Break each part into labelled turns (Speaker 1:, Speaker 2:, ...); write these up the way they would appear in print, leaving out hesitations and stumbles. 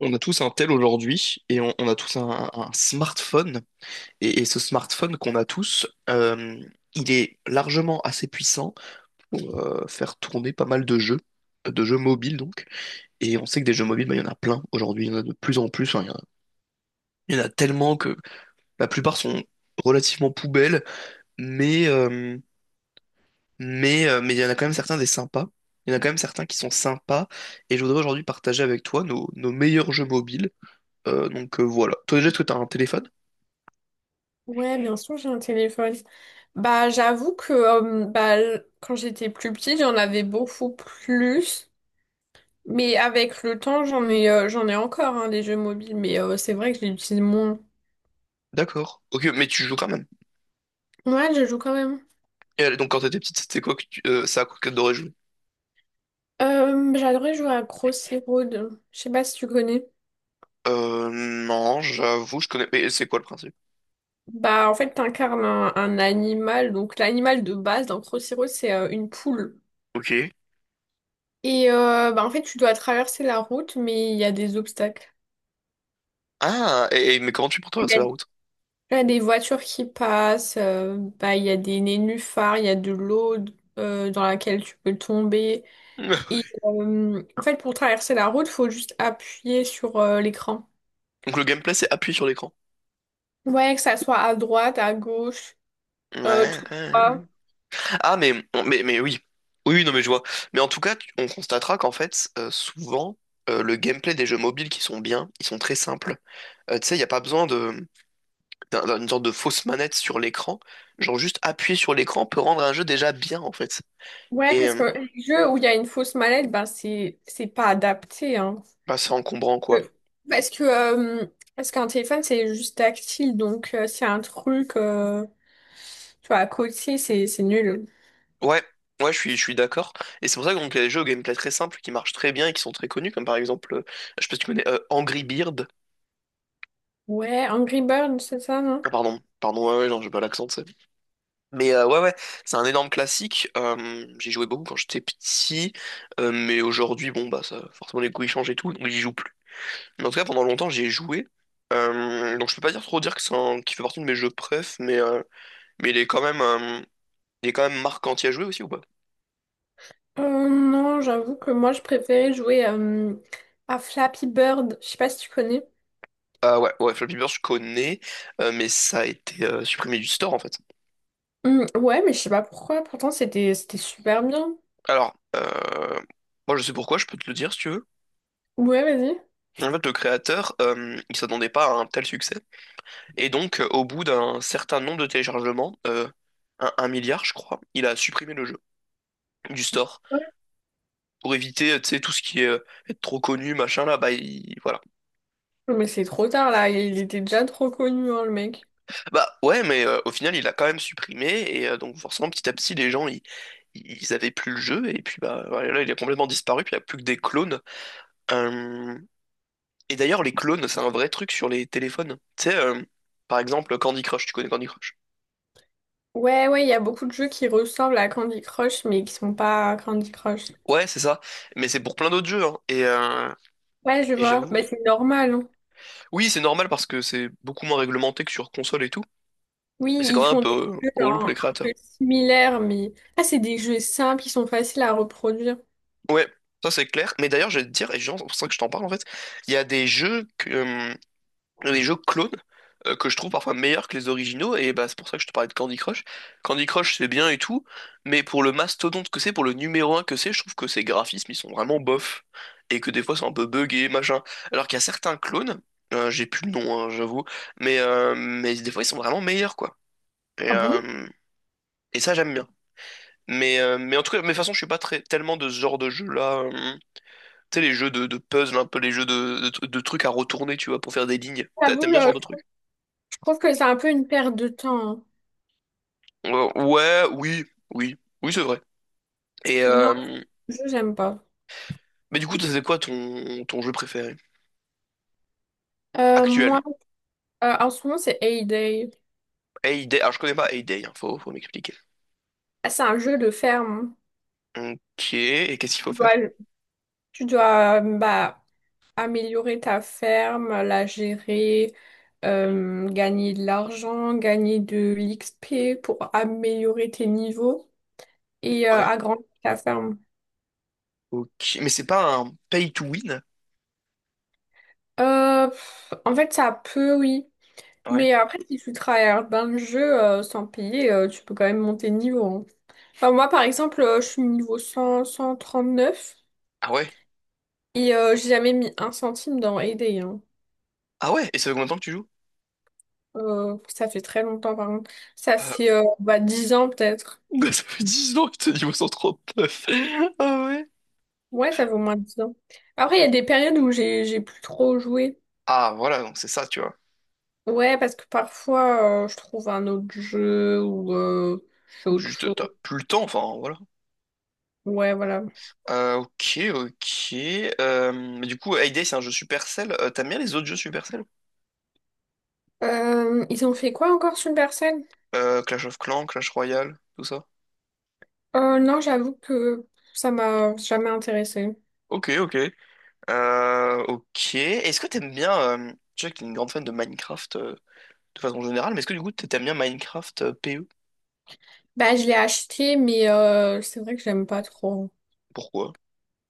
Speaker 1: On a tous un tel aujourd'hui et on a tous un smartphone. Et ce smartphone qu'on a tous, il est largement assez puissant pour faire tourner pas mal de jeux mobiles donc. Et on sait que des jeux mobiles, bah, il y en a plein aujourd'hui, il y en a de plus en plus. Enfin, il y en a tellement que la plupart sont relativement poubelles, mais, euh, mais il y en a quand même certains des sympas. Il y en a quand même certains qui sont sympas. Et je voudrais aujourd'hui partager avec toi nos meilleurs jeux mobiles. Donc voilà. Toi déjà, est-ce que tu as un téléphone?
Speaker 2: Ouais, bien sûr, j'ai un téléphone. Bah, j'avoue que bah, quand j'étais plus petite, j'en avais beaucoup plus. Mais avec le temps, j'en ai encore hein, des jeux mobiles. Mais c'est vrai que je les utilise moins.
Speaker 1: D'accord. Ok, mais tu joues quand même.
Speaker 2: Ouais, je joue quand même.
Speaker 1: Donc quand t'étais petite, c'était quoi que c'est à quoi que t'adorais jouer?
Speaker 2: J'adorais jouer à Crossy Road. Je sais pas si tu connais.
Speaker 1: Non, j'avoue, je connais. Mais c'est quoi le principe?
Speaker 2: Bah, en fait, t'incarnes un animal. Donc, l'animal de base dans Crossy Road, c'est une poule.
Speaker 1: Ok.
Speaker 2: Et bah, en fait, tu dois traverser la route, mais il y a des obstacles.
Speaker 1: Ah, mais comment tu fais pour traverser la route?
Speaker 2: Il y a des voitures qui passent, bah, il y a des nénuphars, il y a de l'eau dans laquelle tu peux tomber. Et en fait, pour traverser la route, il faut juste appuyer sur l'écran.
Speaker 1: Donc le gameplay, c'est appuyer sur l'écran.
Speaker 2: Ouais, que ça soit à droite, à gauche,
Speaker 1: Ouais.
Speaker 2: tout
Speaker 1: Ouais.
Speaker 2: droit.
Speaker 1: Ah, mais oui. Oui, oui, non, mais je vois. Mais en tout cas, on constatera qu'en fait, souvent, le gameplay des jeux mobiles qui sont bien, ils sont très simples. Tu sais, il n'y a pas besoin d'une sorte de fausse manette sur l'écran. Genre, juste appuyer sur l'écran peut rendre un jeu déjà bien, en fait.
Speaker 2: Ouais, parce que les jeux où il y a une fausse mallette, ben c'est pas adapté, hein.
Speaker 1: Bah, c'est encombrant, quoi.
Speaker 2: Euh, Parce que euh, parce qu'un téléphone c'est juste tactile, donc c'est un truc, tu vois, à côté, c'est nul.
Speaker 1: Ouais, ouais, je suis d'accord. Et c'est pour ça que donc, il y a des jeux au gameplay très simple qui marchent très bien et qui sont très connus, comme par exemple, je sais pas si tu connais Angry Bird.
Speaker 2: Ouais, Angry Birds, c'est ça, non?
Speaker 1: Ah, pardon, pardon, ouais, ouais, non, j'ai pas l'accent, tu sais. Mais ouais, ouais, c'est un énorme classique. J'y jouais beaucoup quand j'étais petit, mais aujourd'hui, bon, bah, ça, forcément, les goûts ils changent et tout, donc j'y joue plus. Mais en tout cas, pendant longtemps, j'y ai joué. Donc je peux pas dire trop dire que qu'il fait partie de mes jeux préf, mais il est quand même marquant. Tu y à joué aussi ou pas?
Speaker 2: Non, j'avoue que moi, je préférais jouer à Flappy Bird. Je sais pas si tu connais.
Speaker 1: Ah ouais, ouais, Flappy Bird, je connais, mais ça a été supprimé du store en fait.
Speaker 2: Ouais, mais je sais pas pourquoi. Pourtant, c'était super bien.
Speaker 1: Alors, moi je sais pourquoi, je peux te le dire si tu veux.
Speaker 2: Ouais, vas-y.
Speaker 1: En fait, le créateur, il s'attendait pas à un tel succès. Et donc, au bout d'un certain nombre de téléchargements, un milliard je crois, il a supprimé le jeu du store
Speaker 2: Ouais.
Speaker 1: pour éviter, tu sais, tout ce qui est être trop connu, machin là, bah voilà.
Speaker 2: Mais c'est trop tard, là. Il était déjà trop connu, hein, le mec.
Speaker 1: Bah ouais, mais au final, il l'a quand même supprimé, et donc forcément, petit à petit, les gens, ils avaient plus le jeu, et puis bah voilà, là, il a complètement disparu, puis il n'y a plus que des clones. Euh, Et d'ailleurs, les clones, c'est un vrai truc sur les téléphones. Tu sais, par exemple, Candy Crush, tu connais Candy Crush?
Speaker 2: Ouais, ouais, il y a beaucoup de jeux qui ressemblent à Candy Crush, mais qui sont pas Candy Crush.
Speaker 1: Ouais, c'est ça. Mais c'est pour plein d'autres jeux, hein. Et, euh,
Speaker 2: Ouais, je
Speaker 1: et
Speaker 2: vois.
Speaker 1: j'avoue.
Speaker 2: Bah, c'est normal, hein.
Speaker 1: Oui, c'est normal parce que c'est beaucoup moins réglementé que sur console et tout.
Speaker 2: Oui,
Speaker 1: Mais c'est quand
Speaker 2: ils
Speaker 1: même un
Speaker 2: font
Speaker 1: peu
Speaker 2: des jeux
Speaker 1: relou pour les
Speaker 2: hein, un peu
Speaker 1: créateurs.
Speaker 2: similaires, mais... Ah, c'est des jeux simples, ils sont faciles à reproduire.
Speaker 1: Ouais, ça c'est clair. Mais d'ailleurs, je vais te dire, et genre, c'est pour ça que je t'en parle en fait, il y a des jeux Il y a des jeux clones que je trouve parfois meilleurs que les originaux, et bah, c'est pour ça que je te parlais de Candy Crush. Candy Crush, c'est bien et tout, mais pour le mastodonte que c'est, pour le numéro un que c'est, je trouve que ces graphismes, ils sont vraiment bof, et que des fois, c'est un peu buggé, machin. Alors qu'il y a certains clones, j'ai plus le nom, hein, j'avoue, mais des fois, ils sont vraiment meilleurs, quoi. Et,
Speaker 2: Ah bon?
Speaker 1: euh, et ça, j'aime bien. Mais en tout cas, mais de toute façon, je suis pas très, tellement de ce genre de jeu-là. Tu sais, les jeux de puzzle, un peu les jeux de trucs à retourner, tu vois, pour faire des lignes.
Speaker 2: J'avoue,
Speaker 1: T'aimes bien ce genre de truc?
Speaker 2: je trouve que c'est un peu une perte de temps, hein.
Speaker 1: Ouais, oui, oui, oui, c'est vrai. Et
Speaker 2: Non,
Speaker 1: euh,
Speaker 2: ce jeu, j'aime pas.
Speaker 1: mais du coup, c'est quoi ton jeu préféré actuel?
Speaker 2: Moi, en ce moment, c'est A-Day.
Speaker 1: Heyday. Alors, je connais pas Heyday, hein, faut m'expliquer.
Speaker 2: C'est un jeu de ferme.
Speaker 1: Ok, et qu'est-ce qu'il faut
Speaker 2: Tu dois,
Speaker 1: faire?
Speaker 2: tu dois, bah, améliorer ta ferme, la gérer, gagner de l'argent, gagner de l'XP pour améliorer tes niveaux et
Speaker 1: Ouais.
Speaker 2: agrandir ta ferme.
Speaker 1: Ok, mais c'est pas un pay to win?
Speaker 2: Pff, en fait, ça peut, oui.
Speaker 1: Ouais.
Speaker 2: Mais après, si tu travailles dans le jeu sans payer, tu peux quand même monter de niveau, hein. Enfin, moi, par exemple, je suis niveau cent trente neuf
Speaker 1: Ah ouais?
Speaker 2: et j'ai jamais mis un centime dans Payday, hein.
Speaker 1: Ah ouais? Et ça fait combien de temps que tu joues?
Speaker 2: Ça fait très longtemps, par contre. Ça
Speaker 1: Euh,
Speaker 2: fait bah, 10 ans peut-être.
Speaker 1: Ça fait 10 ans que t'es niveau 139. Ah ouais?
Speaker 2: Ouais, ça fait au moins 10 ans. Après, il y a des périodes où j'ai plus trop joué.
Speaker 1: Ah voilà, donc c'est ça, tu vois.
Speaker 2: Ouais, parce que parfois, je trouve un autre jeu ou je fais
Speaker 1: En plus,
Speaker 2: autre
Speaker 1: juste, t'as
Speaker 2: chose.
Speaker 1: plus le temps, enfin, voilà.
Speaker 2: Ouais, voilà.
Speaker 1: Ok, ok. Mais du coup, Heyday, c'est un jeu Supercell. T'aimes bien les autres jeux Supercell?
Speaker 2: Ils ont fait quoi encore sur le...
Speaker 1: Clash of Clans, Clash Royale, tout ça.
Speaker 2: Non, j'avoue que ça m'a jamais intéressée.
Speaker 1: Ok, ok. Ok. Est-ce que t'aimes bien... je sais que t'es une grande fan de Minecraft de façon générale, mais est-ce que du coup t'aimes bien Minecraft PE?
Speaker 2: Bah, je l'ai acheté, mais c'est vrai que j'aime pas trop.
Speaker 1: Pourquoi?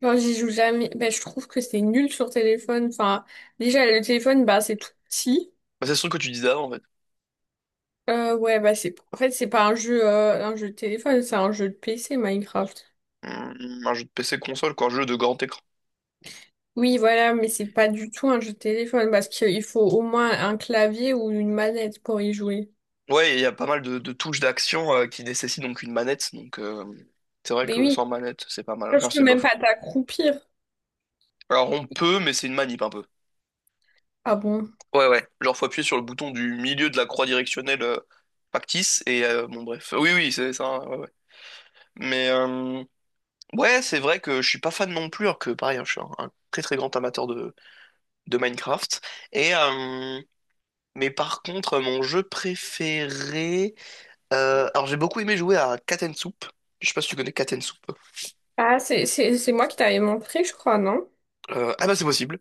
Speaker 2: Genre, j'y joue jamais. Bah, je trouve que c'est nul sur téléphone. Enfin, déjà, le téléphone, bah, c'est tout petit.
Speaker 1: Bah, c'est ce truc que tu disais avant, en fait.
Speaker 2: Ouais, bah, en fait, c'est pas un jeu, un jeu de téléphone, c'est un jeu de PC, Minecraft.
Speaker 1: Hmm, un jeu de PC console, quoi, un jeu de grand écran.
Speaker 2: Oui, voilà, mais c'est pas du tout un jeu de téléphone parce qu'il faut au moins un clavier ou une manette pour y jouer.
Speaker 1: Ouais, il y a pas mal de touches d'action qui nécessitent donc une manette, donc c'est vrai
Speaker 2: Mais
Speaker 1: que
Speaker 2: oui,
Speaker 1: sans manette, c'est pas mal.
Speaker 2: je
Speaker 1: Enfin,
Speaker 2: peux
Speaker 1: c'est
Speaker 2: même
Speaker 1: bof.
Speaker 2: pas t'accroupir.
Speaker 1: Alors on peut, mais c'est une manip un peu.
Speaker 2: Ah bon?
Speaker 1: Ouais, ouais. Genre, faut appuyer sur le bouton du milieu de la croix directionnelle factice, et bon, bref. Oui, oui, c'est ça, ouais, ouais. Mais, ouais, c'est vrai que je suis pas fan non plus, alors que, pareil, hein, je suis un très très grand amateur de Minecraft. Et, euh, mais par contre, mon jeu préféré, alors, j'ai beaucoup aimé jouer à Cat and Soup. Je sais pas si tu connais Cat and Soup.
Speaker 2: Ah, c'est moi qui t'avais montré, je crois, non?
Speaker 1: Ah bah, c'est possible.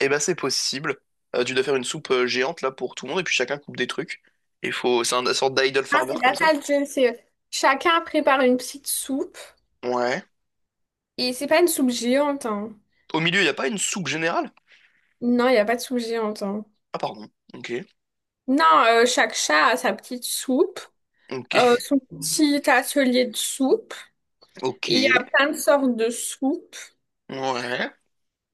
Speaker 1: Eh bah, c'est possible. Tu dois faire une soupe géante, là, pour tout le monde, et puis chacun coupe des trucs. Il faut. C'est une sorte d'idle
Speaker 2: Ah,
Speaker 1: farmer,
Speaker 2: c'est
Speaker 1: comme
Speaker 2: pas
Speaker 1: ça.
Speaker 2: ça le gin, c'est chacun prépare une petite soupe.
Speaker 1: Ouais.
Speaker 2: Et c'est pas une soupe géante, hein.
Speaker 1: Au milieu, il n'y a pas une soupe générale?
Speaker 2: Non, il n'y a pas de soupe géante, hein.
Speaker 1: Ah, pardon. Ok.
Speaker 2: Non, chaque chat a sa petite soupe,
Speaker 1: Ok.
Speaker 2: son petit atelier de soupe. Et il y a
Speaker 1: Ok.
Speaker 2: plein de sortes de soupes.
Speaker 1: Ouais.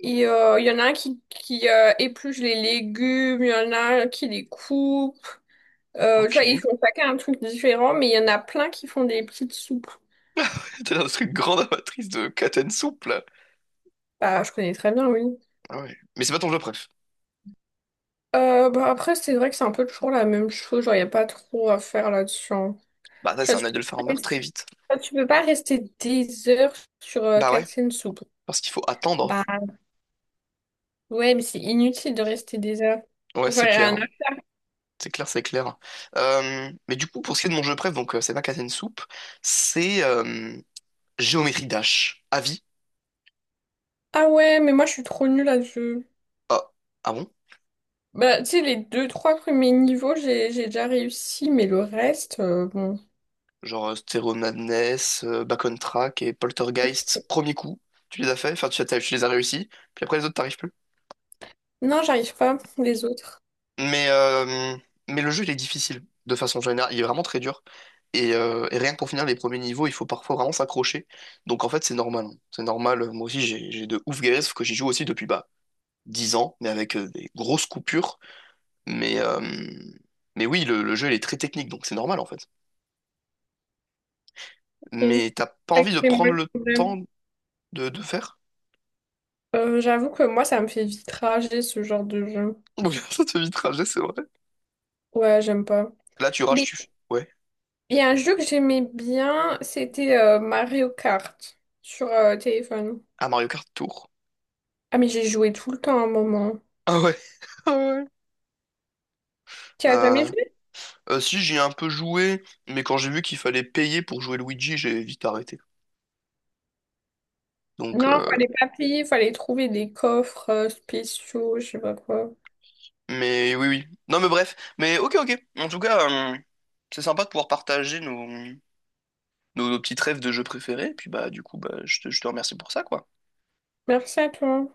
Speaker 2: Et il y en a un qui épluche les légumes, il y en a un qui les coupe. Tu
Speaker 1: Ok.
Speaker 2: vois, ils font chacun un truc différent, mais il y en a plein qui font des petites soupes.
Speaker 1: T'es dans ce truc grande amatrice de Katen soupe, là.
Speaker 2: Bah, je connais très bien, oui.
Speaker 1: Ah ouais. Mais c'est pas ton jeu préf.
Speaker 2: Bah après, c'est vrai que c'est un peu toujours la même chose. Genre, il n'y a pas trop à faire là-dessus, hein.
Speaker 1: Bah, ça,
Speaker 2: Je
Speaker 1: c'est un
Speaker 2: tu peux
Speaker 1: idle
Speaker 2: pas
Speaker 1: farmer
Speaker 2: rester,
Speaker 1: très vite.
Speaker 2: tu peux pas rester des heures sur
Speaker 1: Bah ouais.
Speaker 2: Katsuin Soup.
Speaker 1: Parce qu'il faut attendre.
Speaker 2: Bah ouais, mais c'est inutile de rester des heures.
Speaker 1: Ouais,
Speaker 2: Genre,
Speaker 1: c'est
Speaker 2: il y a
Speaker 1: clair,
Speaker 2: un...
Speaker 1: hein. C'est clair, c'est clair. Mais du coup, pour ce qui est de mon jeu préf, donc c'est pas Katen soupe, c'est Géométrie Dash. Avis?
Speaker 2: Ah ouais, mais moi, je suis trop nulle là-dessus.
Speaker 1: Ah. Ah bon?
Speaker 2: Bah, tu sais, les deux, trois premiers niveaux, j'ai déjà réussi, mais le reste, bon.
Speaker 1: Genre Stereo Madness, Back on Track et Poltergeist, premier coup, tu les as fait, enfin tu les as réussi, puis après les autres t'arrives plus.
Speaker 2: Non, j'arrive pas, les autres.
Speaker 1: Mais, euh, mais le jeu il est difficile de façon générale, il est vraiment très dur. Et rien que pour finir les premiers niveaux, il faut parfois vraiment s'accrocher. Donc en fait c'est normal, hein, c'est normal. Moi aussi j'ai de ouf galères, sauf que j'y joue aussi depuis bah, 10 ans, mais avec des grosses coupures. Mais, euh, mais oui, le jeu il est très technique, donc c'est normal en fait.
Speaker 2: Ok.
Speaker 1: Mais t'as pas
Speaker 2: Ouais,
Speaker 1: envie de
Speaker 2: c'est moi
Speaker 1: prendre
Speaker 2: le
Speaker 1: le temps
Speaker 2: problème.
Speaker 1: de faire?
Speaker 2: J'avoue que moi, ça me fait vite rager ce genre de jeu.
Speaker 1: Bon, ça te vit trajet, c'est vrai.
Speaker 2: Ouais, j'aime pas.
Speaker 1: Là, tu rages, tu. Ouais.
Speaker 2: Il y a un jeu que j'aimais bien, c'était Mario Kart sur téléphone.
Speaker 1: À Mario Kart Tour.
Speaker 2: Ah mais j'ai joué tout le temps à un moment.
Speaker 1: Ah ouais. Ah ouais.
Speaker 2: Tu as jamais
Speaker 1: Euh,
Speaker 2: joué?
Speaker 1: si, j'y ai un peu joué, mais quand j'ai vu qu'il fallait payer pour jouer Luigi, j'ai vite arrêté. Donc,
Speaker 2: Non, fallait pas payer, fallait trouver des coffres spéciaux, je sais pas quoi.
Speaker 1: mais oui, oui. Non, mais bref. Mais ok, ok. En tout cas, c'est sympa de pouvoir partager nos, petits rêves de jeux préférés. Puis bah, du coup, bah, je te remercie pour ça, quoi.
Speaker 2: Merci à toi.